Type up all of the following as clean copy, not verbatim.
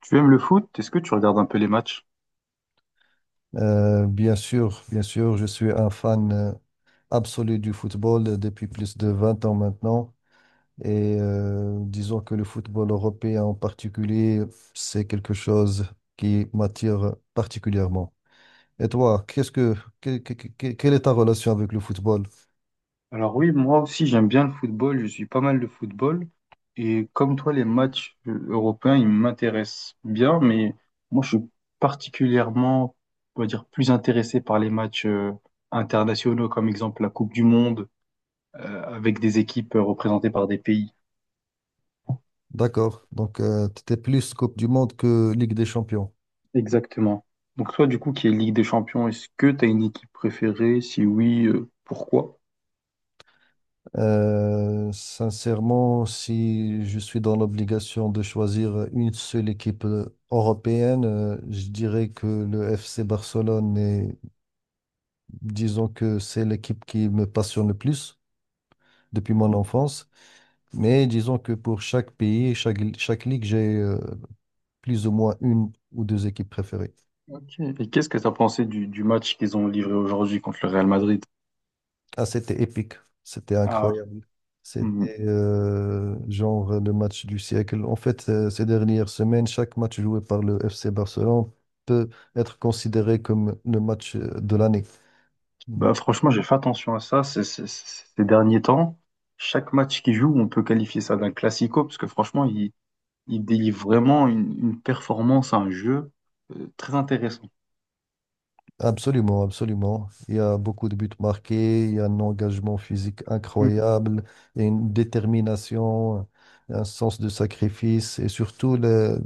Tu aimes le foot? Est-ce que tu regardes un peu les matchs? Bien sûr, bien sûr, je suis un fan absolu du football depuis plus de 20 ans maintenant. Et disons que le football européen en particulier, c'est quelque chose qui m'attire particulièrement. Et toi, qu'est-ce que- quelle est ta relation avec le football? Alors oui, moi aussi j'aime bien le football, je suis pas mal de football et comme toi les matchs européens ils m'intéressent bien mais moi je suis particulièrement on va dire plus intéressé par les matchs internationaux comme exemple la Coupe du Monde avec des équipes représentées par des pays. D'accord, donc tu étais plus Coupe du Monde que Ligue des Champions. Exactement. Donc toi du coup qui est Ligue des Champions, est-ce que tu as une équipe préférée? Si oui, pourquoi? Sincèrement, si je suis dans l'obligation de choisir une seule équipe européenne, je dirais que le FC Barcelone est, disons que c'est l'équipe qui me passionne le plus depuis mon enfance. Mais disons que pour chaque pays, chaque ligue, j'ai plus ou moins une ou deux équipes préférées. Ok. Et qu'est-ce que tu as pensé du match qu'ils ont livré aujourd'hui contre le Real Madrid? Ah, c'était épique. C'était Ah. incroyable. Hmm. C'était genre le match du siècle. En fait, ces dernières semaines, chaque match joué par le FC Barcelone peut être considéré comme le match de l'année. Mm. Bah, franchement, j'ai fait attention à ça ces derniers temps. Chaque match qu'ils jouent, on peut qualifier ça d'un classico, parce que franchement, ils délivrent vraiment une performance, un jeu très intéressant. Absolument, absolument. Il y a beaucoup de buts marqués, il y a un engagement physique Hmm. incroyable, il y a une détermination, un sens de sacrifice et surtout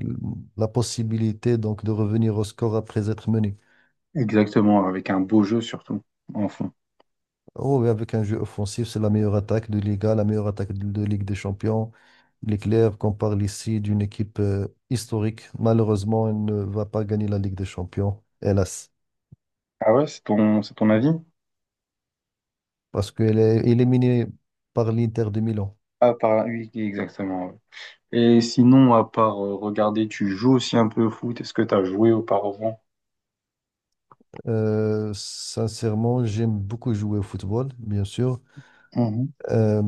la possibilité donc de revenir au score après être mené. Exactement, avec un beau jeu surtout, en fond. Oh, oui, avec un jeu offensif, c'est la meilleure attaque de Liga, la meilleure attaque de Ligue des Champions. Il est clair qu'on parle ici d'une équipe historique. Malheureusement, elle ne va pas gagner la Ligue des Champions, hélas, Ah ouais, c'est ton avis? parce qu'elle est éliminée par l'Inter de Milan. Ah, par... oui, exactement, ouais. Et sinon, à part regarder, tu joues aussi un peu au foot. Est-ce que tu as joué auparavant? Sincèrement, j'aime beaucoup jouer au football, bien sûr. Mhm. Euh,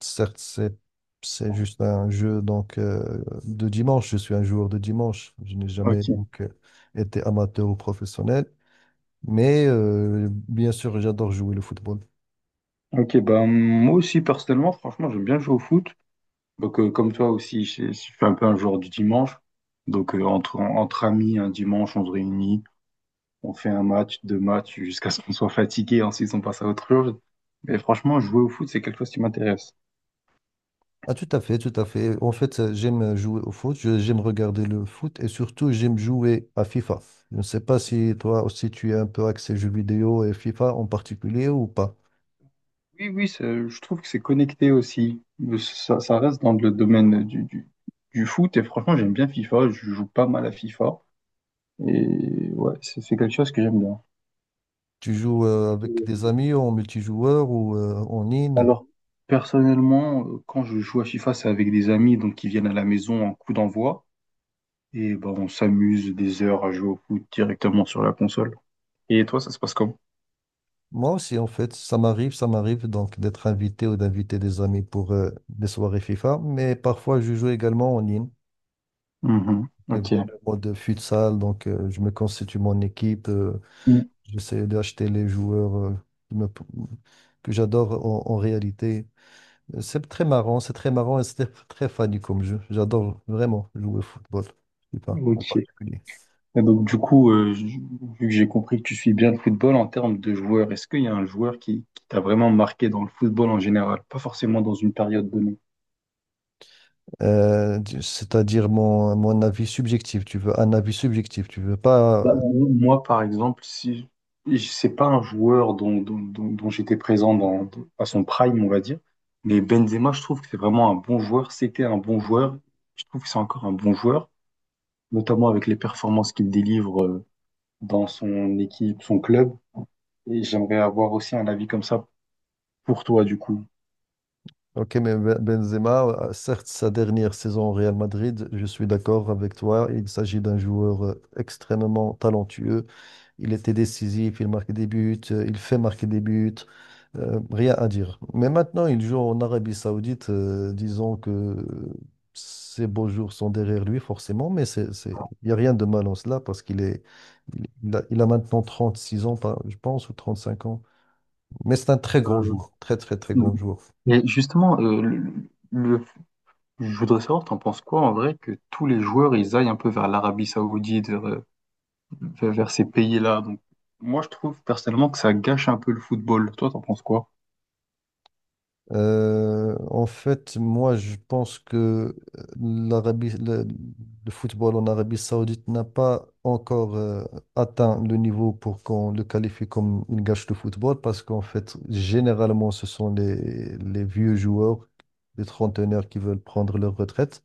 Certes, c'est juste un jeu donc de dimanche. Je suis un joueur de dimanche. Je n'ai jamais Ok. donc été amateur ou professionnel. Mais bien sûr, j'adore jouer le football. Ok, bah, moi aussi, personnellement, franchement, j'aime bien jouer au foot. Donc, comme toi aussi, je suis un peu un joueur du dimanche. Donc, entre amis, un dimanche, on se réunit, on fait un match, deux matchs, jusqu'à ce qu'on soit fatigué. Ensuite, on passe à autre chose. Mais franchement, jouer au foot, c'est quelque chose qui m'intéresse. Ah, tout à fait, tout à fait. En fait, j'aime jouer au foot, j'aime regarder le foot et surtout, j'aime jouer à FIFA. Je ne sais pas si toi aussi tu es un peu axé jeux vidéo et FIFA en particulier ou pas. Oui, oui, c'est- je trouve que c'est connecté aussi. Ça, ça reste dans le domaine du foot. Et franchement, j'aime bien FIFA. Je joue pas mal à FIFA. Et ouais, c'est quelque chose que j'aime bien. Tu joues avec des amis en multijoueur ou en ligne? Alors, personnellement, quand je joue à FIFA, c'est avec des amis donc qui viennent à la maison en coup d'envoi. Et ben, on s'amuse des heures à jouer au foot directement sur la console. Et toi, ça se passe comment? Moi aussi, en fait, ça m'arrive donc d'être invité ou d'inviter des amis pour des soirées FIFA, mais parfois je joue également en ligne, Mhm. que via Ok. le mode futsal, donc je me constitue mon équipe. Mm. J'essaie d'acheter les joueurs qui me- que j'adore en réalité. C'est très marrant et c'est très funny comme jeu. J'adore vraiment jouer au football, je sais pas, en Ok. Et particulier. donc, du coup, vu que j'ai compris que tu suis bien le football en termes de joueurs, est-ce qu'il y a un joueur qui t'a vraiment marqué dans le football en général? Pas forcément dans une période donnée. C'est-à-dire mon avis subjectif, tu veux un avis subjectif, tu veux pas. Bah, euh, moi, par exemple, si c'est pas un joueur dont j'étais présent à son prime, on va dire, mais Benzema, je trouve que c'est vraiment un bon joueur. C'était un bon joueur. Je trouve que c'est encore un bon joueur, notamment avec les performances qu'il délivre dans son équipe, son club. Et j'aimerais avoir aussi un avis comme ça pour toi, du coup. Ok, mais Benzema, certes, sa dernière saison au Real Madrid, je suis d'accord avec toi. Il s'agit d'un joueur extrêmement talentueux. Il était décisif, il marquait des buts, il fait marquer des buts. Rien à dire. Mais maintenant, il joue en Arabie Saoudite, disons que ses beaux jours sont derrière lui, forcément, mais il n'y a rien de mal en cela parce qu'il est... il a maintenant 36 ans, je pense, ou 35 ans. Mais c'est un très grand Euh, joueur, très, très, très grand joueur. et justement, le- je voudrais savoir, t'en penses quoi en vrai que tous les joueurs ils aillent un peu vers l'Arabie Saoudite, vers ces pays-là. Donc, moi, je trouve personnellement que ça gâche un peu le football. Toi, t'en penses quoi? En fait, moi, je pense que le football en Arabie Saoudite n'a pas encore atteint le niveau pour qu'on le qualifie comme une gâche de football, parce qu'en fait, généralement, ce sont les vieux joueurs, les trentenaires qui veulent prendre leur retraite.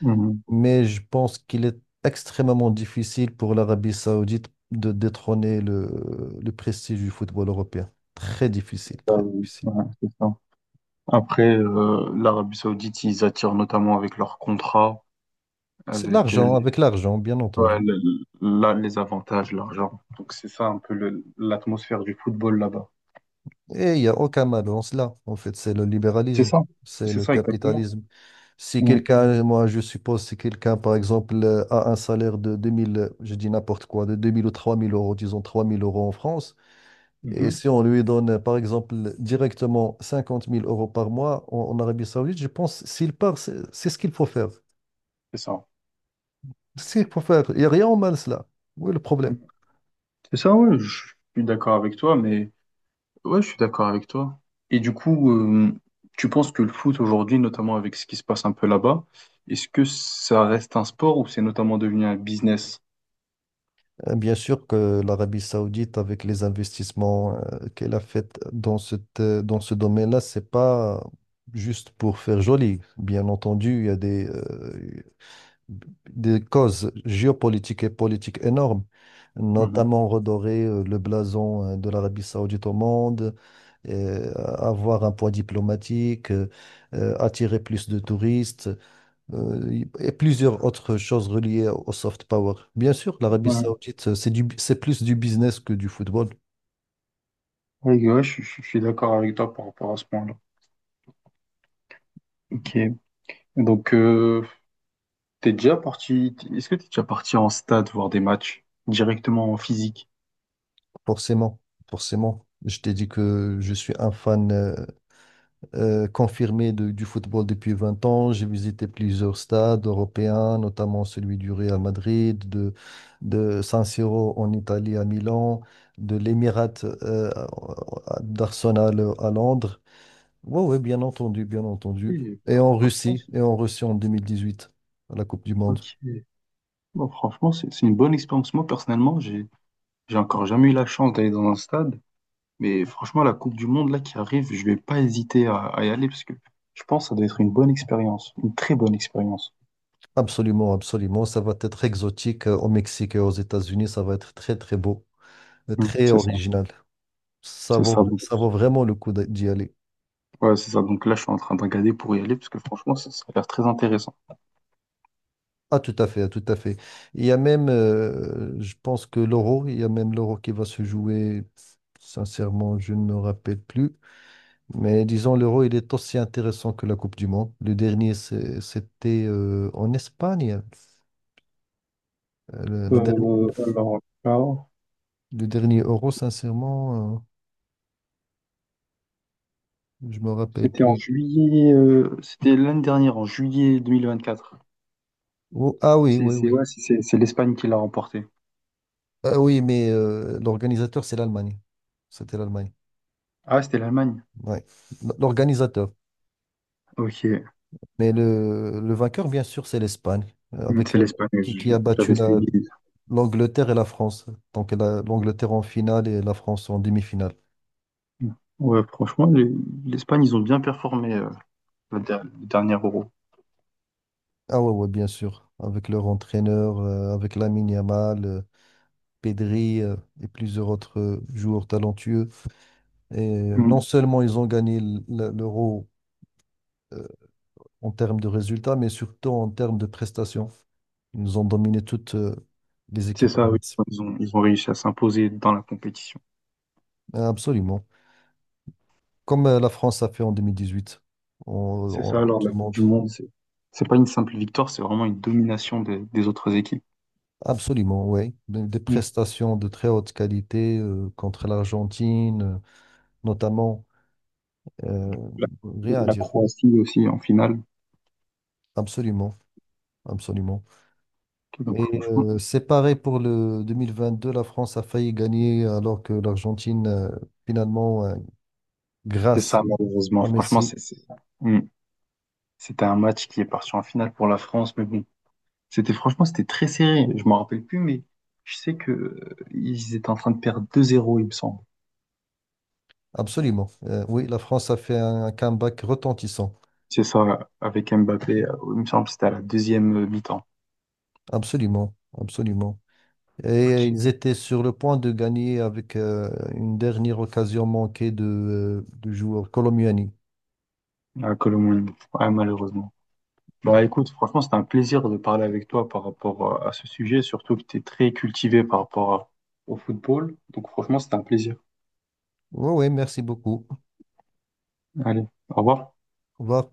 Mhm. Mais je pense qu'il est extrêmement difficile pour l'Arabie Saoudite de détrôner le prestige du football européen. Très difficile, très difficile. Ouais, c'est ça. Après, l'Arabie Saoudite, ils attirent notamment avec leurs contrats, C'est de avec l'argent, avec l'argent, bien ouais, entendu. Les avantages, l'argent. Donc c'est ça un peu l'atmosphère du football là-bas. Et il n'y a aucun mal dans cela. En fait, c'est le C'est libéralisme, ça, c'est c'est le ça exactement. capitalisme. Si Mhm. quelqu'un, moi je suppose, si quelqu'un, par exemple, a un salaire de 2000, je dis n'importe quoi, de 2000 ou 3000 euros, disons 3000 euros en France, et Mhm. si on lui donne, par exemple, directement 50 000 euros par mois en Arabie Saoudite, je pense, s'il part, c'est ce qu'il faut faire. C'est ça. C'est pour faire. Il n'y a rien au mal cela. Où est le problème? Mhm. C'est ça, oui, je suis d'accord avec toi, mais ouais, je suis d'accord avec toi. Et du coup, tu penses que le foot aujourd'hui, notamment avec ce qui se passe un peu là-bas, est-ce que ça reste un sport ou c'est notamment devenu un business? Bien sûr que l'Arabie Saoudite, avec les investissements qu'elle a fait dans dans ce domaine-là, c'est pas juste pour faire joli. Bien entendu, il y a des causes géopolitiques et politiques énormes, Mhm. notamment redorer le blason de l'Arabie Saoudite au monde, avoir un poids diplomatique, attirer plus de touristes, et plusieurs autres choses reliées au soft power. Bien sûr, l'Arabie Ouais, Saoudite, c'est plus du business que du football, ouais, ouais, je suis d'accord avec toi par rapport à ce point-là. Ok. Donc, est-ce que t'es déjà parti en stade voir des matchs directement en physique? forcément, forcément. Je t'ai dit que je suis un fan confirmé du football depuis 20 ans. J'ai visité plusieurs stades européens, notamment celui du Real Madrid, de San Siro en Italie à Milan, de l'Émirat euh, d'Arsenal à Londres. Oui, oui, bien entendu, bien entendu. Et, Et bah, en franchement, Russie, c'est- et en Russie en 2018, à la Coupe du Monde. ok. Bon, franchement, c'est une bonne expérience. Moi, personnellement, j'ai encore jamais eu la chance d'aller dans un stade. Mais franchement, la Coupe du Monde là qui arrive, je vais pas hésiter à y aller parce que je pense que ça doit être une bonne expérience, une très bonne expérience. Absolument, absolument. Ça va être exotique au Mexique et aux États-Unis. Ça va être très, très beau, Hmm, très c'est ça, original. Ça c'est ça. vaut, Donc, ça vaut vraiment le coup d'y aller. ouais, c'est ça. Donc là, je suis en train de regarder pour y aller parce que franchement, ça a l'air très intéressant. Ah, tout à fait, ah, tout à fait. Il y a même, je pense que l'Euro, il y a même l'Euro qui va se jouer. Sincèrement, je ne me rappelle plus. Mais disons, l'Euro, il est aussi intéressant que la Coupe du Monde. Le dernier, c'était en Espagne. Euh, Le, la dernière- Alors là, le dernier Euro, sincèrement, je me rappelle c'était en plus. juillet, c'était l'année dernière, en juillet 2024. Oh, ah oui, oui, oui. Ouais, c'est l'Espagne qui l'a remporté. Ah oui, mais l'organisateur, c'est l'Allemagne. C'était l'Allemagne. Ah, c'était l'Allemagne. Ouais. L'organisateur. Ok. Mais le vainqueur, bien sûr, c'est l'Espagne, euh, Hmm, avec, c'est euh, l'Espagne. qui a battu J'avais suivi. l'Angleterre et la France. Donc l'Angleterre en finale et la France en demi-finale. Hmm. Ouais, franchement, l'Espagne, ils ont bien performé, le dernier Euro. Ah ouais, ouais, bien sûr. Avec leur entraîneur, avec Lamine Yamal, Pedri et plusieurs autres joueurs talentueux. Et Mm. non seulement ils ont gagné l'Euro euh, en termes de résultats, mais surtout en termes de prestations. Ils nous ont dominé toutes les C'est équipes ça, oui. adverses. Ils ont réussi à s'imposer dans la compétition. Absolument. Comme la France a fait en 2018, en, C'est en ça, Coupe alors du la Coupe Monde. du Monde. C'est pas une simple victoire, c'est vraiment une domination des autres équipes. Absolument, oui. Des Mm. prestations de très haute qualité contre l'Argentine, notamment. euh, La, Rien à la dire. Croatie aussi en finale. Absolument. Absolument. Donc franchement, C'est pareil pour le 2022. La France a failli gagner alors que l'Argentine, finalement, c'est grâce ça malheureusement. à Franchement, Messi. C'est- Mm. C'était un match qui est parti en finale pour la France, mais bon, c'était franchement c'était très serré. Je m'en rappelle plus, mais je sais que ils étaient en train de perdre 2-0 il me semble. Absolument. Oui, la France a fait un comeback retentissant. C'est ça, avec Mbappé. Il me semble que c'était à la deuxième mi-temps. Absolument. Absolument. Et Ok. ils étaient sur le point de gagner avec une dernière occasion manquée du joueur Colomiani. Ah, Colomoni. Ah, malheureusement. Bah écoute, franchement, c'était un plaisir de parler avec toi par rapport à ce sujet, surtout que tu es très cultivé par rapport à- au football. Donc franchement, c'était un plaisir. Oui, oui, merci beaucoup. Allez, au revoir. Au revoir.